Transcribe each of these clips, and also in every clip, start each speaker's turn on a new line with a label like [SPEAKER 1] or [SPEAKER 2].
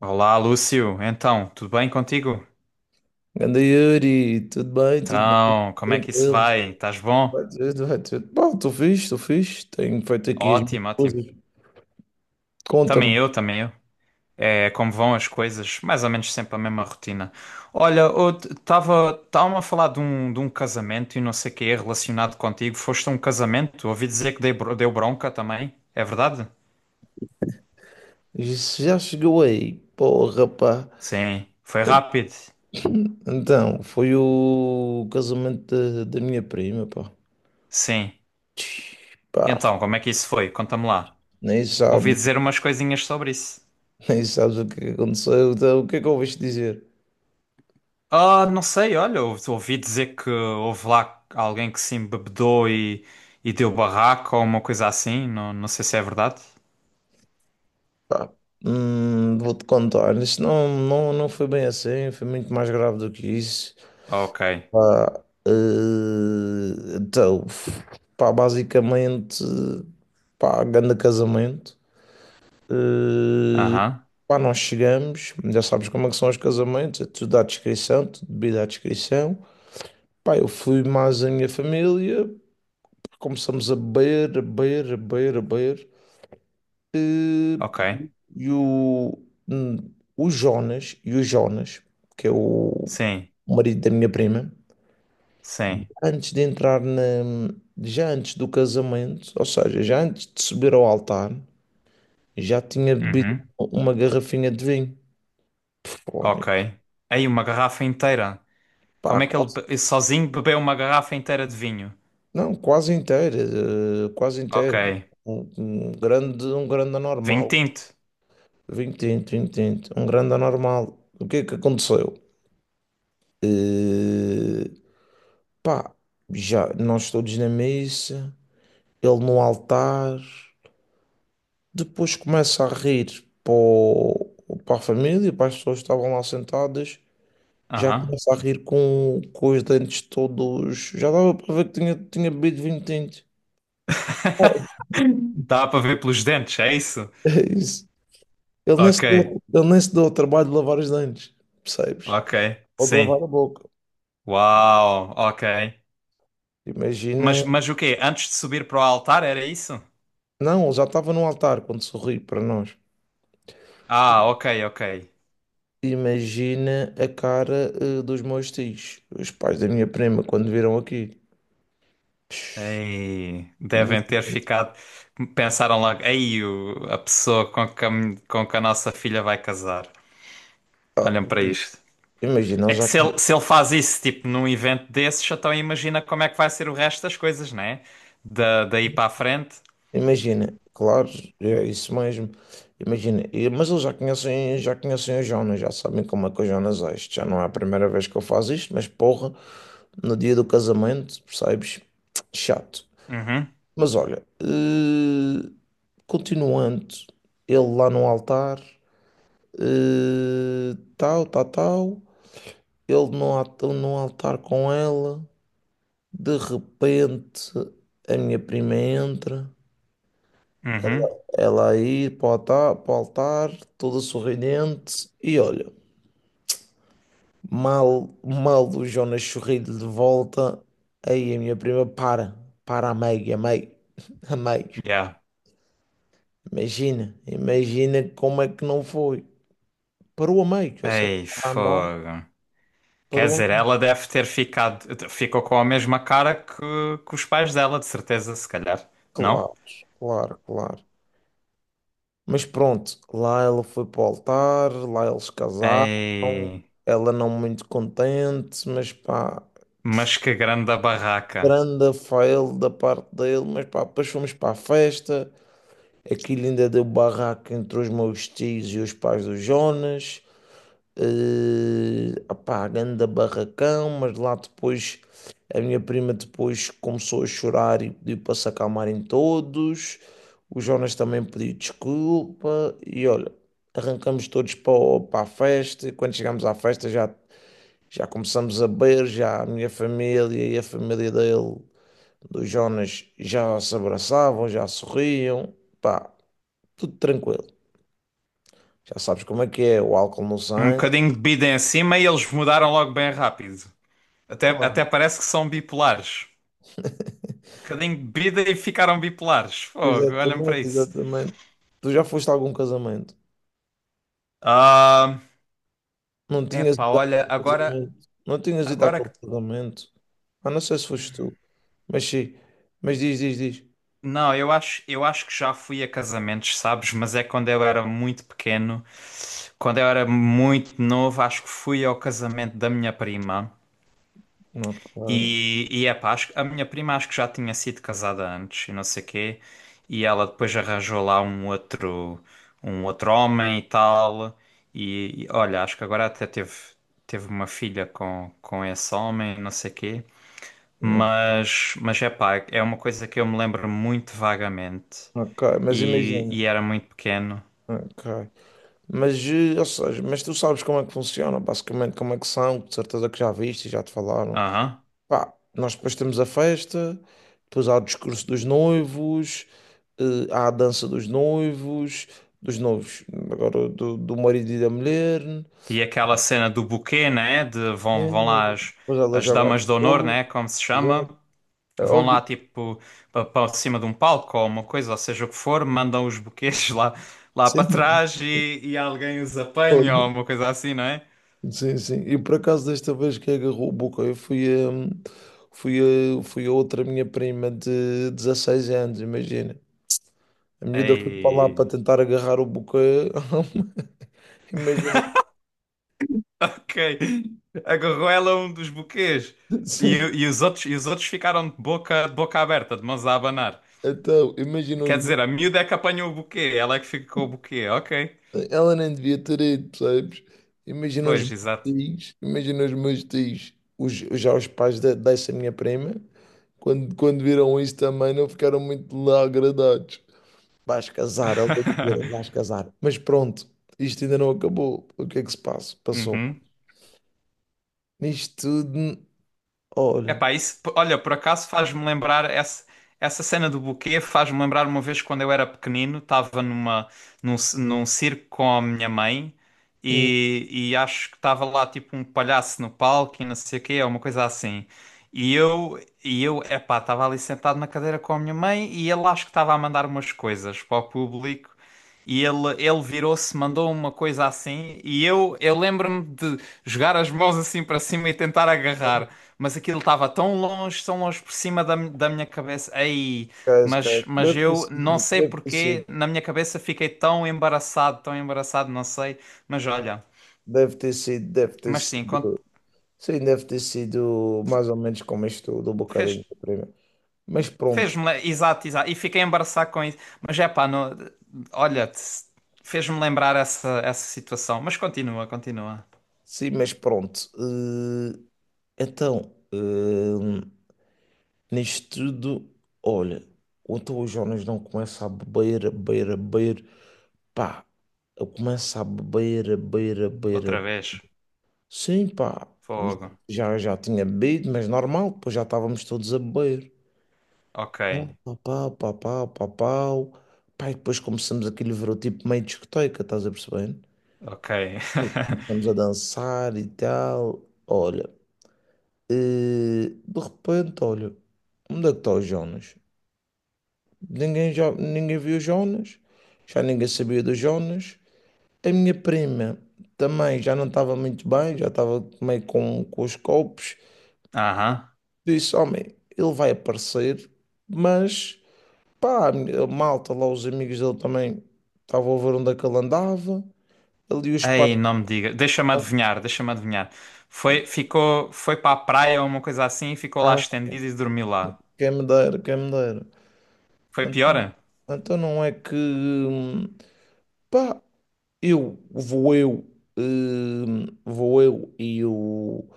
[SPEAKER 1] Olá, Lúcio. Então, tudo bem contigo?
[SPEAKER 2] Ganda Yuri, tudo bem,
[SPEAKER 1] Então, como é que isso
[SPEAKER 2] tranquilo.
[SPEAKER 1] vai? Estás bom?
[SPEAKER 2] Vai tudo, vai tudo. Pá, estou fixe, estou fixe. Tenho feito aqui as minhas
[SPEAKER 1] Ótimo, ótimo.
[SPEAKER 2] coisas. Conta-me,
[SPEAKER 1] Também eu, também eu. É como vão as coisas, mais ou menos sempre a mesma rotina. Olha, eu estava a falar de um casamento e não sei o que é relacionado contigo. Foste a um casamento? Ouvi dizer que deu bronca também. É verdade?
[SPEAKER 2] isso já chegou aí? Porra, pá.
[SPEAKER 1] Sim, foi rápido.
[SPEAKER 2] Então, foi o casamento da minha prima, pá.
[SPEAKER 1] Sim.
[SPEAKER 2] Tch, Pá,
[SPEAKER 1] E então, como é que isso foi? Conta-me lá.
[SPEAKER 2] nem
[SPEAKER 1] Ouvi
[SPEAKER 2] sabes,
[SPEAKER 1] dizer umas coisinhas sobre isso.
[SPEAKER 2] nem sabes o que aconteceu. Então, o que é que ouviste dizer?
[SPEAKER 1] Ah, não sei, olha, ouvi dizer que houve lá alguém que se embebedou e deu barraco ou uma coisa assim, não, não sei se é verdade.
[SPEAKER 2] Pá, vou-te contar. Isto não foi bem assim, foi muito mais grave do que isso.
[SPEAKER 1] Ok,
[SPEAKER 2] Pá, então, pá, basicamente, pá, grande casamento. Eh,
[SPEAKER 1] aham,
[SPEAKER 2] Pá, nós chegamos, já sabes como é que são os casamentos, é tudo à descrição, tudo bebido à descrição. Pá, eu fui mais a minha família, começamos a beber, a beber, a beber, a beber. Eh,
[SPEAKER 1] ok,
[SPEAKER 2] pá, e o, hum, o Jonas, que é o
[SPEAKER 1] sim,
[SPEAKER 2] marido da minha prima,
[SPEAKER 1] sim,
[SPEAKER 2] antes de entrar já antes do casamento, ou seja, já antes de subir ao altar, já tinha bebido
[SPEAKER 1] uhum,
[SPEAKER 2] uma garrafinha de vinho. Fónix.
[SPEAKER 1] ok. Aí uma garrafa inteira,
[SPEAKER 2] Pá,
[SPEAKER 1] como é que ele
[SPEAKER 2] quase,
[SPEAKER 1] sozinho bebeu uma garrafa inteira de vinho?
[SPEAKER 2] não, quase inteira, eh, quase
[SPEAKER 1] Ok,
[SPEAKER 2] inteira. Um grande
[SPEAKER 1] vinho
[SPEAKER 2] anormal.
[SPEAKER 1] tinto,
[SPEAKER 2] Vinho tinto, um grande anormal. O que é que aconteceu? Eh, Pá, já nós todos na missa, ele no altar. Depois começa a rir para a família, para as pessoas que estavam lá sentadas. Já
[SPEAKER 1] aham.
[SPEAKER 2] começa a rir com os dentes todos. Já dava para ver que tinha bebido vinho tinto. Oh,
[SPEAKER 1] Dá para ver pelos dentes, é isso?
[SPEAKER 2] é isso. Ele nem
[SPEAKER 1] Ok,
[SPEAKER 2] se deu, ele nem se deu o trabalho de lavar os dentes, percebes?
[SPEAKER 1] ok,
[SPEAKER 2] Ou de
[SPEAKER 1] sim,
[SPEAKER 2] lavar a boca.
[SPEAKER 1] uau, ok.
[SPEAKER 2] Imagina.
[SPEAKER 1] Mas o quê? Antes de subir para o altar, era isso?
[SPEAKER 2] Não, ele já estava no altar quando sorri para nós.
[SPEAKER 1] Ah, ok, ok.
[SPEAKER 2] Imagina a cara, dos meus tios, os pais da minha prima, quando viram aqui. Psh,
[SPEAKER 1] Ei,
[SPEAKER 2] im-
[SPEAKER 1] devem ter ficado. Pensaram logo, ei, a pessoa com que com que a nossa filha vai casar.
[SPEAKER 2] Ah,
[SPEAKER 1] Olhem para isto.
[SPEAKER 2] imagina,
[SPEAKER 1] É
[SPEAKER 2] eles
[SPEAKER 1] que
[SPEAKER 2] já.
[SPEAKER 1] se ele, se ele faz isso, tipo, num evento desses, então imagina como é que vai ser o resto das coisas, né? Da, daí para a frente.
[SPEAKER 2] Imagina, claro, é isso mesmo. Imagina, mas eles já conhecem o Jonas, já sabem como é que o Jonas é. Isto já não é a primeira vez que eu faço isto, mas porra, no dia do casamento, percebes? Chato.
[SPEAKER 1] Uhum,
[SPEAKER 2] Mas olha, continuando, ele lá no altar, tal, tal, tal, ele no altar com ela, de repente a minha prima entra.
[SPEAKER 1] uhum,
[SPEAKER 2] Ela aí para o altar, toda sorridente, e olha, mal o Jonas sorriu-lhe de volta, aí a minha prima para, para a meio, a meio.
[SPEAKER 1] yeah.
[SPEAKER 2] Imagina, imagina como é que não foi. Parou a meio, ou seja,
[SPEAKER 1] Ei,
[SPEAKER 2] para andar,
[SPEAKER 1] fogo. Quer
[SPEAKER 2] parou a
[SPEAKER 1] dizer,
[SPEAKER 2] meio.
[SPEAKER 1] ela deve ter ficado, ficou com a mesma cara que os pais dela, de certeza, se calhar, não?
[SPEAKER 2] Claro, claro, claro. Mas pronto, lá ela foi para o altar, lá eles casaram,
[SPEAKER 1] Ei,
[SPEAKER 2] ela não muito contente, mas pá.
[SPEAKER 1] mas que grande barraca.
[SPEAKER 2] Grande fail da parte dele, mas pá, depois fomos para a festa, aquilo ainda deu barraco entre os meus tios e os pais do Jonas, pá, grande barracão, mas lá depois a minha prima depois começou a chorar e pediu para se acalmarem todos, o Jonas também pediu desculpa e olha, arrancamos todos para a festa, e quando chegamos à festa já, já começamos a beber, já a minha família e a família dele dos Jonas já se abraçavam, já sorriam, pá, tudo tranquilo. Já sabes como é que é, o álcool no
[SPEAKER 1] Um
[SPEAKER 2] sangue.
[SPEAKER 1] bocadinho de bida em cima e eles mudaram logo bem rápido. Até, até
[SPEAKER 2] Claro,
[SPEAKER 1] parece que são bipolares. Um bocadinho de bebida e ficaram bipolares. Fogo, olhem para
[SPEAKER 2] exatamente,
[SPEAKER 1] isso.
[SPEAKER 2] exatamente. Tu já foste a algum casamento?
[SPEAKER 1] Ah,
[SPEAKER 2] Não tinhas
[SPEAKER 1] epá,
[SPEAKER 2] ido
[SPEAKER 1] olha,
[SPEAKER 2] àquele
[SPEAKER 1] agora,
[SPEAKER 2] casamento? Não tinhas ido
[SPEAKER 1] agora
[SPEAKER 2] àquele
[SPEAKER 1] que
[SPEAKER 2] casamento? Ah, não sei se foste tu, mas sim, mas diz, diz, diz.
[SPEAKER 1] não, eu acho que já fui a casamentos, sabes? Mas é quando eu era muito pequeno. Quando eu era muito novo, acho que fui ao casamento da minha prima.
[SPEAKER 2] Ok,
[SPEAKER 1] E é pá, acho, a minha prima acho que já tinha sido casada antes e não sei quê. E ela depois arranjou lá um outro homem e tal. E olha, acho que agora até teve, teve uma filha com esse homem, não sei quê. Mas é pá, é uma coisa que eu me lembro muito vagamente
[SPEAKER 2] ok, mas imagina,
[SPEAKER 1] e era muito pequeno.
[SPEAKER 2] ok. Mas, ou seja, mas tu sabes como é que funciona, basicamente como é que são, de certeza que já viste, e já te falaram.
[SPEAKER 1] Aham.
[SPEAKER 2] Pá, nós depois temos a festa, depois há o discurso dos noivos, há a dança dos noivos, agora do marido e da mulher, né?
[SPEAKER 1] E aquela cena do buquê, né? De vão, vão lá as,
[SPEAKER 2] Depois ela
[SPEAKER 1] as
[SPEAKER 2] joga as
[SPEAKER 1] damas de honor,
[SPEAKER 2] flores,
[SPEAKER 1] né? Como se
[SPEAKER 2] já.
[SPEAKER 1] chama. Vão
[SPEAKER 2] Olha,
[SPEAKER 1] lá tipo para cima de um palco ou uma coisa, ou seja o que for, mandam os buquês lá, lá para
[SPEAKER 2] sim,
[SPEAKER 1] trás e alguém os apanha
[SPEAKER 2] olha,
[SPEAKER 1] ou uma coisa assim, não é?
[SPEAKER 2] sim, sim. E por acaso desta vez que agarrou a boca, eu fui a, fui a, fui a outra minha prima de 16 anos, imagina. A miúda foi para lá para
[SPEAKER 1] Ei.
[SPEAKER 2] tentar agarrar o boca. Imagina.
[SPEAKER 1] Ok. Agarrou ela um dos buquês.
[SPEAKER 2] Sim.
[SPEAKER 1] E os outros ficaram de boca aberta, de mãos a abanar.
[SPEAKER 2] Então, imagina os
[SPEAKER 1] Quer
[SPEAKER 2] meus...
[SPEAKER 1] dizer, a miúda é que apanhou o buquê, ela é que fica com o buquê, ok.
[SPEAKER 2] Ela nem devia ter ido, percebes? Imagina os
[SPEAKER 1] Pois,
[SPEAKER 2] meus
[SPEAKER 1] exato.
[SPEAKER 2] Imagina os meus tios, os, já os pais dessa minha prima, quando viram isso também não ficaram muito lá agradados. Vais casar, ela dizer, vais casar. Mas pronto, isto ainda não acabou. O que é que se passa? Passou.
[SPEAKER 1] Uhum.
[SPEAKER 2] Nisto tudo, olha,
[SPEAKER 1] Epá, isso, olha, por acaso faz-me lembrar essa, essa cena do buquê, faz-me lembrar uma vez quando eu era pequenino, estava numa, num circo com a minha mãe
[SPEAKER 2] hum,
[SPEAKER 1] e, e acho que estava lá tipo um palhaço no palco e não sei o quê, uma coisa assim. E eu, epá, estava ali sentado na cadeira com a minha mãe e ele acho que estava a mandar umas coisas para o público. E ele virou-se, mandou uma coisa assim, e eu lembro-me de jogar as mãos assim para cima e tentar agarrar. Mas aquilo estava tão longe por cima da minha cabeça. Aí
[SPEAKER 2] esquece, esquece.
[SPEAKER 1] mas
[SPEAKER 2] Deve ter
[SPEAKER 1] eu não
[SPEAKER 2] sido,
[SPEAKER 1] sei
[SPEAKER 2] deve ter sido,
[SPEAKER 1] porquê, na minha cabeça fiquei tão embaraçado, não sei. Mas olha,
[SPEAKER 2] deve ter sido, deve ter
[SPEAKER 1] mas sim,
[SPEAKER 2] sido. Sim, deve ter sido mais ou menos como isto do
[SPEAKER 1] fez,
[SPEAKER 2] Bocadinho da Prima. Mas pronto,
[SPEAKER 1] exato, exato. E fiquei embaraçado com isso. Mas é pá, não, olha, fez-me lembrar essa, essa situação. Mas continua, continua.
[SPEAKER 2] sim, mas pronto. Então, nisto tudo, olha, então o Jonas não começa a beber, a beber, a beber, pá, eu começo a beber, a beber, a beber.
[SPEAKER 1] Outra vez.
[SPEAKER 2] Sim, pá,
[SPEAKER 1] Fogo.
[SPEAKER 2] já tinha bebido, mas normal, depois já estávamos todos a beber.
[SPEAKER 1] Ok,
[SPEAKER 2] Pau, pau, pau, pau, pau, pau. Pá, e depois começamos aquele ver o tipo meio discoteca, estás a perceber?
[SPEAKER 1] ok.
[SPEAKER 2] Começamos a dançar e tal. Olha, eh, de repente, olha, onde é que está o Jonas? Ninguém viu o Jonas, já ninguém sabia do Jonas. A minha prima também já não estava muito bem, já estava meio com os copos.
[SPEAKER 1] Aham.
[SPEAKER 2] Disse: Homem, ele vai aparecer, mas pá, a malta lá, os amigos dele também estavam a ver onde é que ele andava. Ali os pais,
[SPEAKER 1] Ei, não me diga. Deixa-me adivinhar, deixa-me adivinhar. Foi, ficou, foi para a praia ou uma coisa assim e ficou lá
[SPEAKER 2] pá,
[SPEAKER 1] estendido e dormiu lá.
[SPEAKER 2] quem me dera, quem me dera.
[SPEAKER 1] Foi pior?
[SPEAKER 2] Então, então não é que pá, eu vou eu, vou eu e o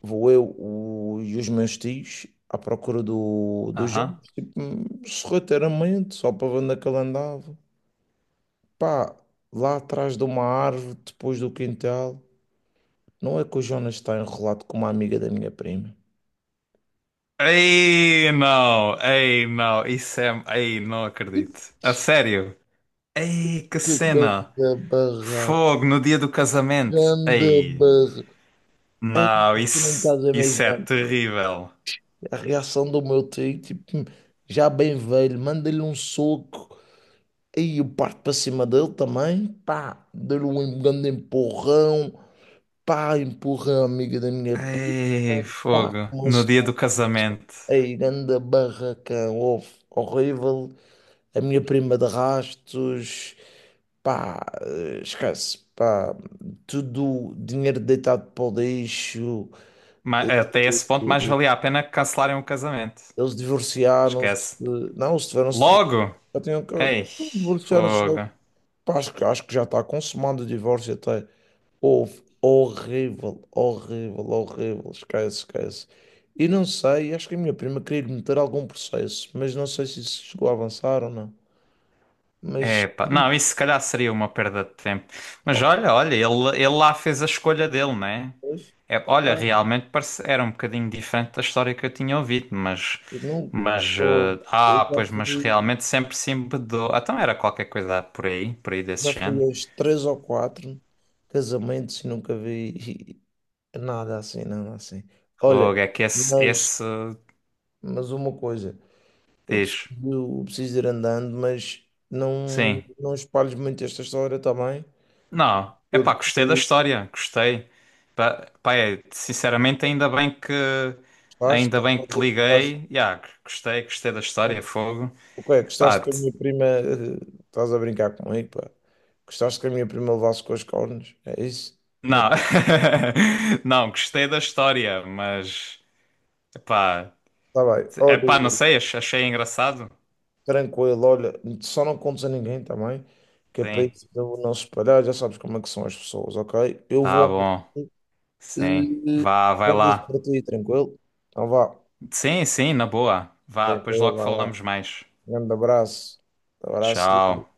[SPEAKER 2] vou eu o- e os meus tios à procura do
[SPEAKER 1] Aham.
[SPEAKER 2] jogos, tipo, sorrateiramente, só para ver onde é que ele andava. Pá, lá atrás de uma árvore, depois do quintal, não é que o Jonas está enrolado com uma amiga da minha prima.
[SPEAKER 1] Ei, não. Ei, não. Isso é... Ei, não acredito. A sério? Ei, que
[SPEAKER 2] Que
[SPEAKER 1] cena.
[SPEAKER 2] ganda barra,
[SPEAKER 1] Fogo no dia do casamento.
[SPEAKER 2] ganda
[SPEAKER 1] Ei.
[SPEAKER 2] barra. Ei,
[SPEAKER 1] Não,
[SPEAKER 2] tu não
[SPEAKER 1] isso,
[SPEAKER 2] estás a
[SPEAKER 1] isso é
[SPEAKER 2] imaginar.
[SPEAKER 1] terrível.
[SPEAKER 2] A reação do meu tio, tipo, já bem velho, manda-lhe um soco. E eu parto para cima dele também, pá, dei-lhe um grande empurrão, pá, empurrão a amiga da minha prima,
[SPEAKER 1] Ei,
[SPEAKER 2] pá,
[SPEAKER 1] fogo. No
[SPEAKER 2] mas
[SPEAKER 1] dia do casamento.
[SPEAKER 2] aí, grande barracão, houve, horrível, a minha prima de rastos, pá, esquece, pá, tudo dinheiro deitado para o lixo, eh,
[SPEAKER 1] Até esse ponto mais
[SPEAKER 2] eh,
[SPEAKER 1] valia a pena cancelarem o casamento.
[SPEAKER 2] eles divorciaram-se,
[SPEAKER 1] Esquece.
[SPEAKER 2] não, eles tiveram-se
[SPEAKER 1] Logo?
[SPEAKER 2] eu tenho que
[SPEAKER 1] Ei,
[SPEAKER 2] divorciaram-se.
[SPEAKER 1] fogo.
[SPEAKER 2] Acho, acho que já está consumado o divórcio até. Houve horrível, horrível, horrível. Esquece, esquece. E não sei, acho que a minha prima queria lhe meter algum processo, mas não sei se isso chegou a avançar ou não. Mas
[SPEAKER 1] Epá, não, isso se calhar seria uma perda de tempo. Mas olha, olha, ele lá fez a escolha dele, né?
[SPEAKER 2] pois,
[SPEAKER 1] É, olha,
[SPEAKER 2] ah,
[SPEAKER 1] realmente parece, era um bocadinho diferente da história que eu tinha ouvido, mas.
[SPEAKER 2] eu não,
[SPEAKER 1] Mas.
[SPEAKER 2] eu eu
[SPEAKER 1] Ah, pois, mas realmente sempre se embedou. Ah, então era qualquer coisa por aí desse
[SPEAKER 2] já fui,
[SPEAKER 1] género.
[SPEAKER 2] aos três ou quatro casamentos e nunca vi nada assim, nada assim. Olha,
[SPEAKER 1] Fogo, é que esse.
[SPEAKER 2] mas,
[SPEAKER 1] Esse.
[SPEAKER 2] mas uma coisa. Eu preciso,
[SPEAKER 1] Diz.
[SPEAKER 2] eu preciso ir andando, mas não,
[SPEAKER 1] Sim.
[SPEAKER 2] não espalhes muito esta história também,
[SPEAKER 1] Não, é pá,
[SPEAKER 2] porque
[SPEAKER 1] gostei da história, gostei. Pá, pá, é, sinceramente, ainda
[SPEAKER 2] estás,
[SPEAKER 1] bem que
[SPEAKER 2] a
[SPEAKER 1] te
[SPEAKER 2] ver que
[SPEAKER 1] liguei. Yeah, gostei, gostei da história, fogo.
[SPEAKER 2] o que é? Gostaste
[SPEAKER 1] Pá,
[SPEAKER 2] que a minha prima, estás a brincar comigo, pá. Gostaste que a minha prima levasse com as cornos, é isso? Não,
[SPEAKER 1] não, não, gostei da história, mas pá,
[SPEAKER 2] está bem,
[SPEAKER 1] é pá, não
[SPEAKER 2] olha,
[SPEAKER 1] sei, achei engraçado.
[SPEAKER 2] tranquilo, olha, só não contes a ninguém também, que é para
[SPEAKER 1] Sim,
[SPEAKER 2] isso eu não se espalhar, já sabes como é que são as pessoas, ok? Eu
[SPEAKER 1] tá
[SPEAKER 2] vou andando,
[SPEAKER 1] bom, sim,
[SPEAKER 2] eh,
[SPEAKER 1] vá, vai
[SPEAKER 2] guarda isso
[SPEAKER 1] lá.
[SPEAKER 2] para ti, tranquilo? Então vá,
[SPEAKER 1] Sim, sim, na boa, vá, depois
[SPEAKER 2] tranquilo,
[SPEAKER 1] logo
[SPEAKER 2] vai.
[SPEAKER 1] falamos mais.
[SPEAKER 2] Grande abraço. Abraço.
[SPEAKER 1] Tchau.